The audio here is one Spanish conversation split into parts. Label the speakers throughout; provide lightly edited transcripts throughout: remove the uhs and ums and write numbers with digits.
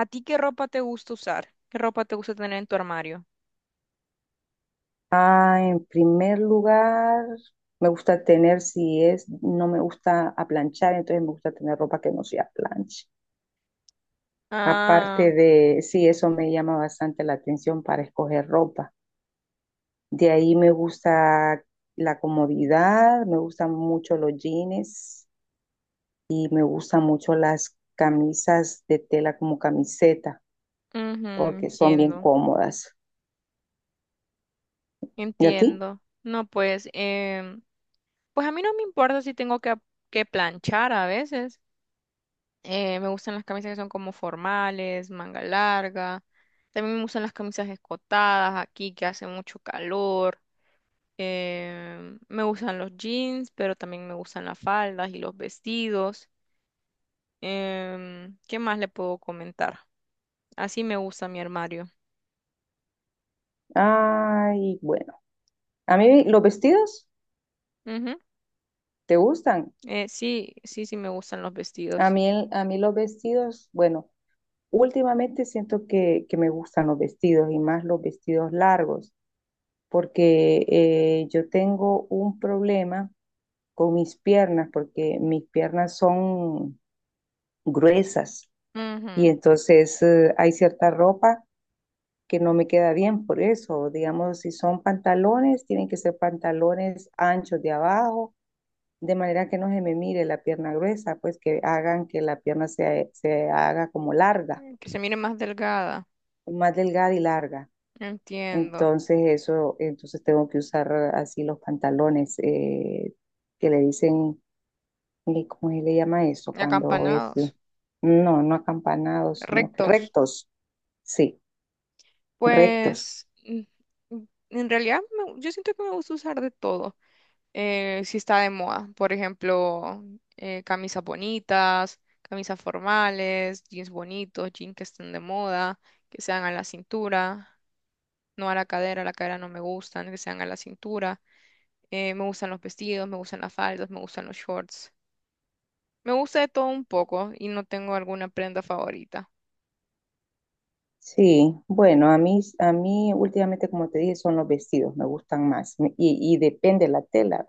Speaker 1: ¿A ti qué ropa te gusta usar? ¿Qué ropa te gusta tener en tu armario?
Speaker 2: En primer lugar, me gusta tener, si es, no me gusta aplanchar, entonces me gusta tener ropa que no sea plancha.
Speaker 1: Ah,
Speaker 2: Aparte de, sí, eso me llama bastante la atención para escoger ropa. De ahí me gusta la comodidad, me gustan mucho los jeans y me gustan mucho las camisas de tela como camiseta,
Speaker 1: ujú,
Speaker 2: porque son bien
Speaker 1: entiendo,
Speaker 2: cómodas. ¿Y a ti?
Speaker 1: entiendo. No, pues, pues a mí no me importa si tengo que planchar a veces. Me gustan las camisas que son como formales, manga larga. También me gustan las camisas escotadas aquí que hace mucho calor. Me gustan los jeans, pero también me gustan las faldas y los vestidos. ¿Qué más le puedo comentar? Así me gusta mi armario.
Speaker 2: Ay, bueno. A mí los vestidos,
Speaker 1: Ujú.
Speaker 2: ¿te gustan?
Speaker 1: Sí, sí, sí me gustan los
Speaker 2: A
Speaker 1: vestidos.
Speaker 2: mí, a mí los vestidos, bueno, últimamente siento que me gustan los vestidos y más los vestidos largos, porque yo tengo un problema con mis piernas, porque mis piernas son gruesas y
Speaker 1: Ujú.
Speaker 2: entonces hay cierta ropa que no me queda bien por eso. Digamos, si son pantalones, tienen que ser pantalones anchos de abajo, de manera que no se me mire la pierna gruesa, pues que hagan que la pierna se haga como larga,
Speaker 1: Mm, que se mire más delgada.
Speaker 2: más delgada y larga.
Speaker 1: Entiendo.
Speaker 2: Entonces eso, entonces tengo que usar así los pantalones que le dicen, ¿cómo se le llama eso? Cuando es,
Speaker 1: Acampanados,
Speaker 2: no, no acampanados, sino que
Speaker 1: rectos.
Speaker 2: rectos. Sí, rectos.
Speaker 1: Pues mm, mm, en realidad yo siento que me gusta usar de todo. Si está de moda, por ejemplo, camisas bonitas, camisas formales, jeans bonitos, jeans que estén de moda, que sean a la cintura, no a la cadera no me gustan, que sean a la cintura. Me gustan los vestidos, me gustan las faldas, me gustan los shorts. Me gusta de todo un poco y no tengo alguna prenda favorita.
Speaker 2: Sí, bueno, a mí últimamente, como te dije, son los vestidos, me gustan más. Y depende la tela,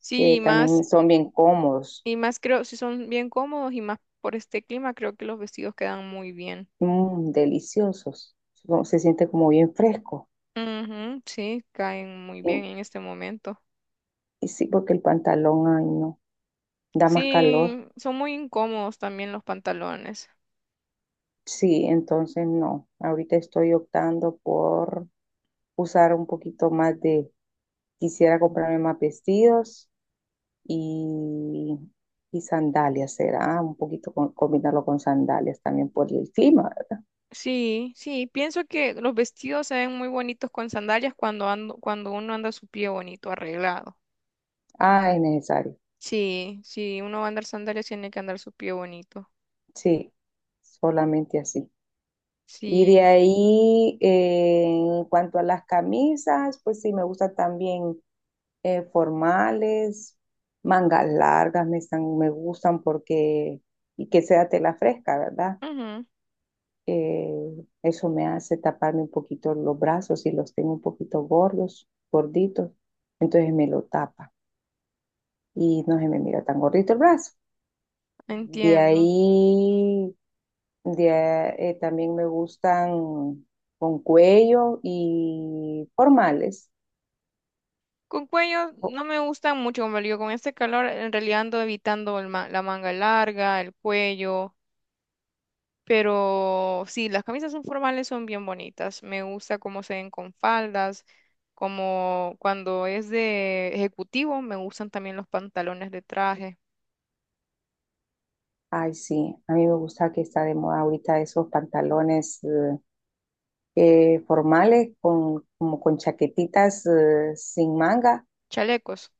Speaker 1: Sí,
Speaker 2: también son bien cómodos,
Speaker 1: y más creo, si son bien cómodos y más por este clima, creo que los vestidos quedan muy bien.
Speaker 2: mm, deliciosos. Se siente como bien fresco.
Speaker 1: Ujú, sí, caen muy bien
Speaker 2: Y,
Speaker 1: en este momento.
Speaker 2: y sí, porque el pantalón, ay, no, da más calor.
Speaker 1: Sí, son muy incómodos también los pantalones.
Speaker 2: Sí, entonces no. Ahorita estoy optando por usar un poquito más de, quisiera comprarme más vestidos y, y sandalias, será un poquito combinarlo con sandalias también por el clima, ¿verdad?
Speaker 1: Sí, sí, pienso que los vestidos se ven muy bonitos con sandalias cuando ando, cuando uno anda su pie bonito, arreglado.
Speaker 2: Ah, es necesario.
Speaker 1: Sí, sí, uno va a andar sandalias, tiene que andar su pie bonito.
Speaker 2: Sí, solamente así. Y de
Speaker 1: Sí,
Speaker 2: ahí, en cuanto a las camisas, pues sí, me gusta también formales, mangas largas me están, me gustan porque, y que sea tela fresca, ¿verdad?
Speaker 1: ujú,
Speaker 2: Eh, eso me hace taparme un poquito los brazos y los tengo un poquito gordos, gorditos, entonces me lo tapa y no se me mira tan gordito el brazo. De
Speaker 1: entiendo.
Speaker 2: ahí, de, también me gustan con cuello y formales.
Speaker 1: Con cuello
Speaker 2: Oh,
Speaker 1: no me gustan mucho, como le digo, con este calor en realidad ando evitando el la manga larga, el cuello, pero sí, las camisas son formales son bien bonitas. Me gusta cómo se ven con faldas, como cuando es de ejecutivo, me gustan también los pantalones de traje,
Speaker 2: ay, sí, a mí me gusta que está de moda ahorita esos pantalones. Formales con, como con chaquetitas sin manga,
Speaker 1: chalecos.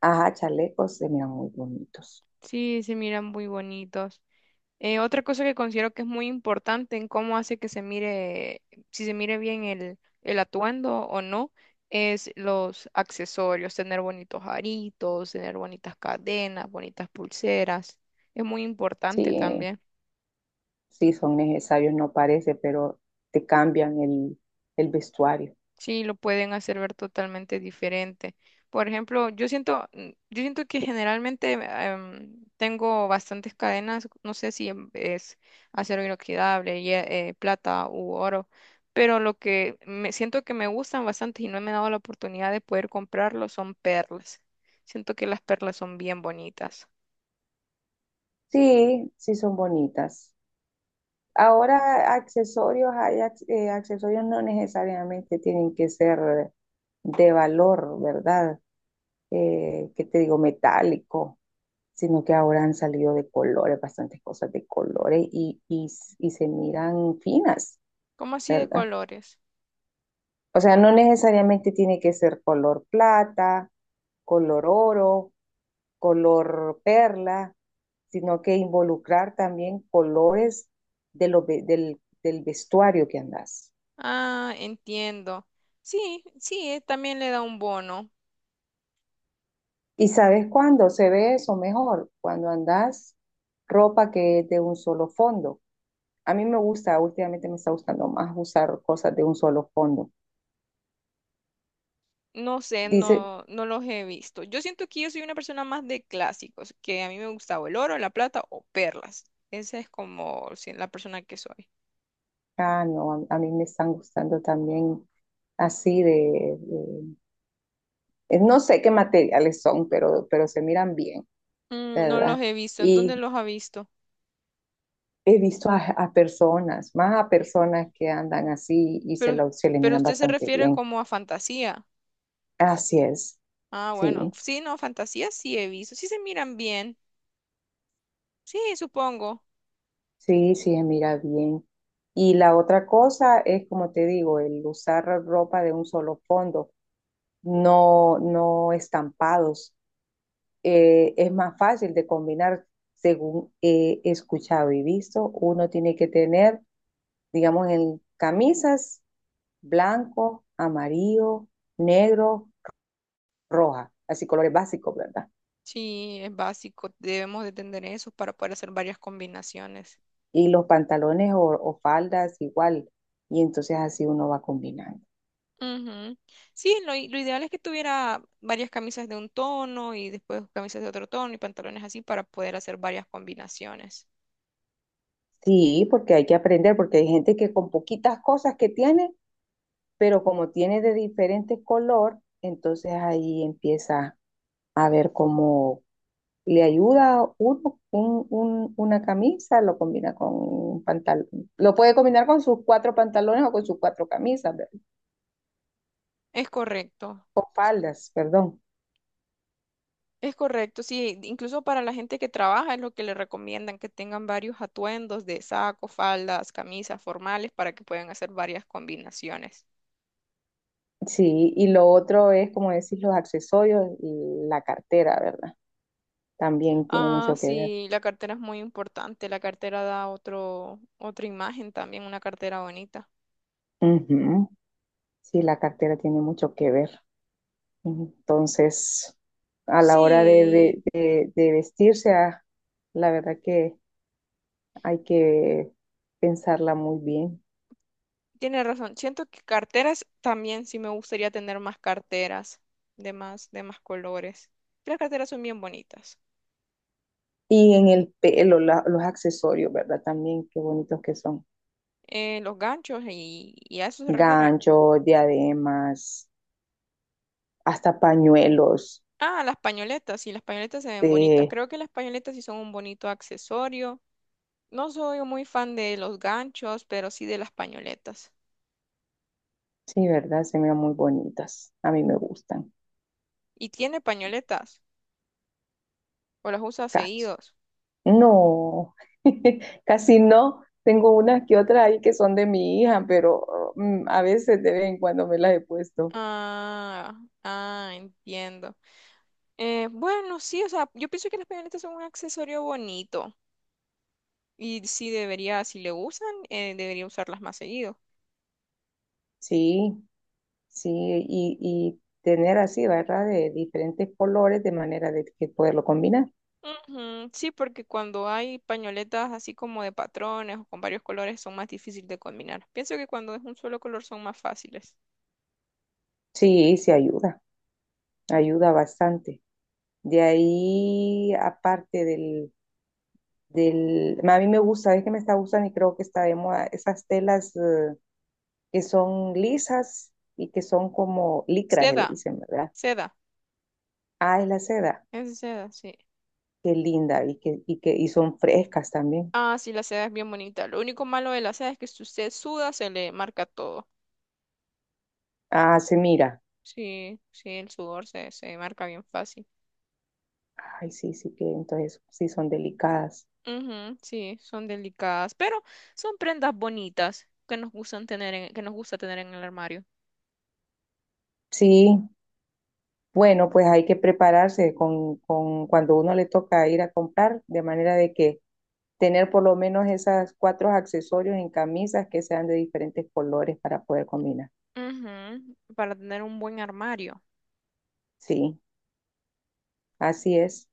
Speaker 2: ajá, chalecos, se miran muy bonitos.
Speaker 1: Sí, se miran muy bonitos. Otra cosa que considero que es muy importante en cómo hace que se mire, si se mire bien el atuendo o no, es los accesorios, tener bonitos aritos, tener bonitas cadenas, bonitas pulseras. Es muy importante
Speaker 2: Sí,
Speaker 1: también.
Speaker 2: sí son necesarios, no parece, pero te cambian el vestuario.
Speaker 1: Sí, lo pueden hacer ver totalmente diferente. Por ejemplo, yo siento, mm, yo siento que generalmente tengo bastantes cadenas, no sé si es acero inoxidable, plata u oro, pero lo que me siento que me gustan bastante y no me he dado la oportunidad de poder comprarlo son perlas. Siento que las perlas son bien bonitas.
Speaker 2: Sí, sí son bonitas. Ahora accesorios, hay accesorios no necesariamente tienen que ser de valor, ¿verdad? ¿Qué te digo? Metálico, sino que ahora han salido de colores, bastantes cosas de colores y se miran finas,
Speaker 1: ¿Cómo así de
Speaker 2: ¿verdad?
Speaker 1: colores?
Speaker 2: O sea, no necesariamente tiene que ser color plata, color oro, color perla, sino que involucrar también colores de lo, del, del vestuario que andas.
Speaker 1: Ah, entiendo. Sí, sí, también le da un bono.
Speaker 2: ¿Y sabes cuándo se ve eso mejor? Cuando andas ropa que es de un solo fondo. A mí me gusta, últimamente me está gustando más usar cosas de un solo fondo.
Speaker 1: No sé,
Speaker 2: Dice,
Speaker 1: no, no los he visto. Yo siento que yo soy una persona más de clásicos, que a mí me gustaba el oro, la plata o perlas. Esa es como la persona que soy.
Speaker 2: ah, no, a mí me están gustando también así de, no sé qué materiales son, pero se miran bien,
Speaker 1: Mm, no los
Speaker 2: ¿verdad?
Speaker 1: he visto. ¿En
Speaker 2: Y
Speaker 1: dónde los ha visto?
Speaker 2: he visto a personas, más a personas que andan así y se,
Speaker 1: Pero,
Speaker 2: lo, se le
Speaker 1: pero
Speaker 2: miran
Speaker 1: usted se
Speaker 2: bastante
Speaker 1: refiere
Speaker 2: bien.
Speaker 1: como a fantasía.
Speaker 2: Así es,
Speaker 1: Ah, bueno.
Speaker 2: sí,
Speaker 1: Sí, no, fantasía sí he visto. Sí se miran bien. Sí, supongo.
Speaker 2: sí, sí, se mira bien. Y la otra cosa es, como te digo, el usar ropa de un solo fondo, no, no estampados, es más fácil de combinar según he escuchado y visto. Uno tiene que tener, digamos, en camisas blanco, amarillo, negro, roja, así colores básicos, ¿verdad?
Speaker 1: Sí, es básico. Debemos de tener eso para poder hacer varias combinaciones.
Speaker 2: Y los pantalones o faldas igual. Y entonces así uno va combinando.
Speaker 1: Ujú. Sí, lo ideal es que tuviera varias camisas de un tono y después camisas de otro tono y pantalones así para poder hacer varias combinaciones.
Speaker 2: Sí, porque hay que aprender, porque hay gente que con poquitas cosas que tiene, pero como tiene de diferente color, entonces ahí empieza a ver cómo, le ayuda uno una camisa, lo combina con un pantalón, lo puede combinar con sus cuatro pantalones o con sus cuatro camisas,
Speaker 1: Es correcto,
Speaker 2: con faldas, perdón.
Speaker 1: es correcto, sí, incluso para la gente que trabaja es lo que le recomiendan que tengan varios atuendos de saco, faldas, camisas formales para que puedan hacer varias combinaciones.
Speaker 2: Sí, y lo otro es, como decís, los accesorios y la cartera, ¿verdad? También tiene
Speaker 1: Ah,
Speaker 2: mucho que ver.
Speaker 1: sí, la cartera es muy importante, la cartera da otro, otra imagen también, una cartera bonita.
Speaker 2: Ujú. Sí, la cartera tiene mucho que ver. Entonces, a la hora
Speaker 1: Sí,
Speaker 2: de vestirse, ah, la verdad que hay que pensarla muy bien.
Speaker 1: tiene razón. Siento que carteras también sí me gustaría tener más carteras de más colores. Las carteras son bien bonitas.
Speaker 2: Y en el pelo, los accesorios, ¿verdad? También qué bonitos que son.
Speaker 1: Los ganchos y a eso se refiere.
Speaker 2: Ganchos, diademas, hasta pañuelos.
Speaker 1: Ah, las pañoletas. Sí, las pañoletas se ven bonitas.
Speaker 2: Sí,
Speaker 1: Creo que las pañoletas sí son un bonito accesorio. No soy muy fan de los ganchos, pero sí de las pañoletas.
Speaker 2: sí, ¿verdad? Se miran muy bonitas. A mí me gustan.
Speaker 1: ¿Y tiene pañoletas? ¿O las usa
Speaker 2: Casi.
Speaker 1: seguidos?
Speaker 2: No, casi no. Tengo unas que otras ahí que son de mi hija, pero a veces de vez en cuando me las he puesto.
Speaker 1: Ah, ah, entiendo. Bueno, sí, o sea, yo pienso que las pañoletas son un accesorio bonito. Y sí debería, si le usan, debería usarlas más seguido.
Speaker 2: Sí, sí, y tener así, ¿verdad? De diferentes colores de manera de que poderlo combinar.
Speaker 1: Ujú, sí, porque cuando hay pañoletas así como de patrones o con varios colores son más difíciles de combinar. Pienso que cuando es un solo color son más fáciles.
Speaker 2: Sí, sí ayuda, ayuda bastante. De ahí, aparte del, del, a mí me gusta, es que me está gustando y creo que está de moda, esas telas que son lisas y que son como licras, que le
Speaker 1: Seda,
Speaker 2: dicen, ¿verdad?
Speaker 1: seda,
Speaker 2: Ah, es la seda,
Speaker 1: es de seda, sí.
Speaker 2: qué linda y que, y que y son frescas también.
Speaker 1: Ah, sí, la seda es bien bonita. Lo único malo de la seda es que si usted suda se le marca todo.
Speaker 2: Ah, se mira.
Speaker 1: Sí, sí, el sudor se, se marca bien fácil.
Speaker 2: Ay, sí, sí que entonces sí son delicadas.
Speaker 1: Ujú, sí, son delicadas, pero son prendas bonitas que nos gustan tener que nos gusta tener en el armario.
Speaker 2: Sí, bueno, pues hay que prepararse con cuando uno le toca ir a comprar, de manera de que tener por lo menos esas cuatro accesorios en camisas que sean de diferentes colores para poder combinar.
Speaker 1: Ujú, para tener un buen armario.
Speaker 2: Sí, así es.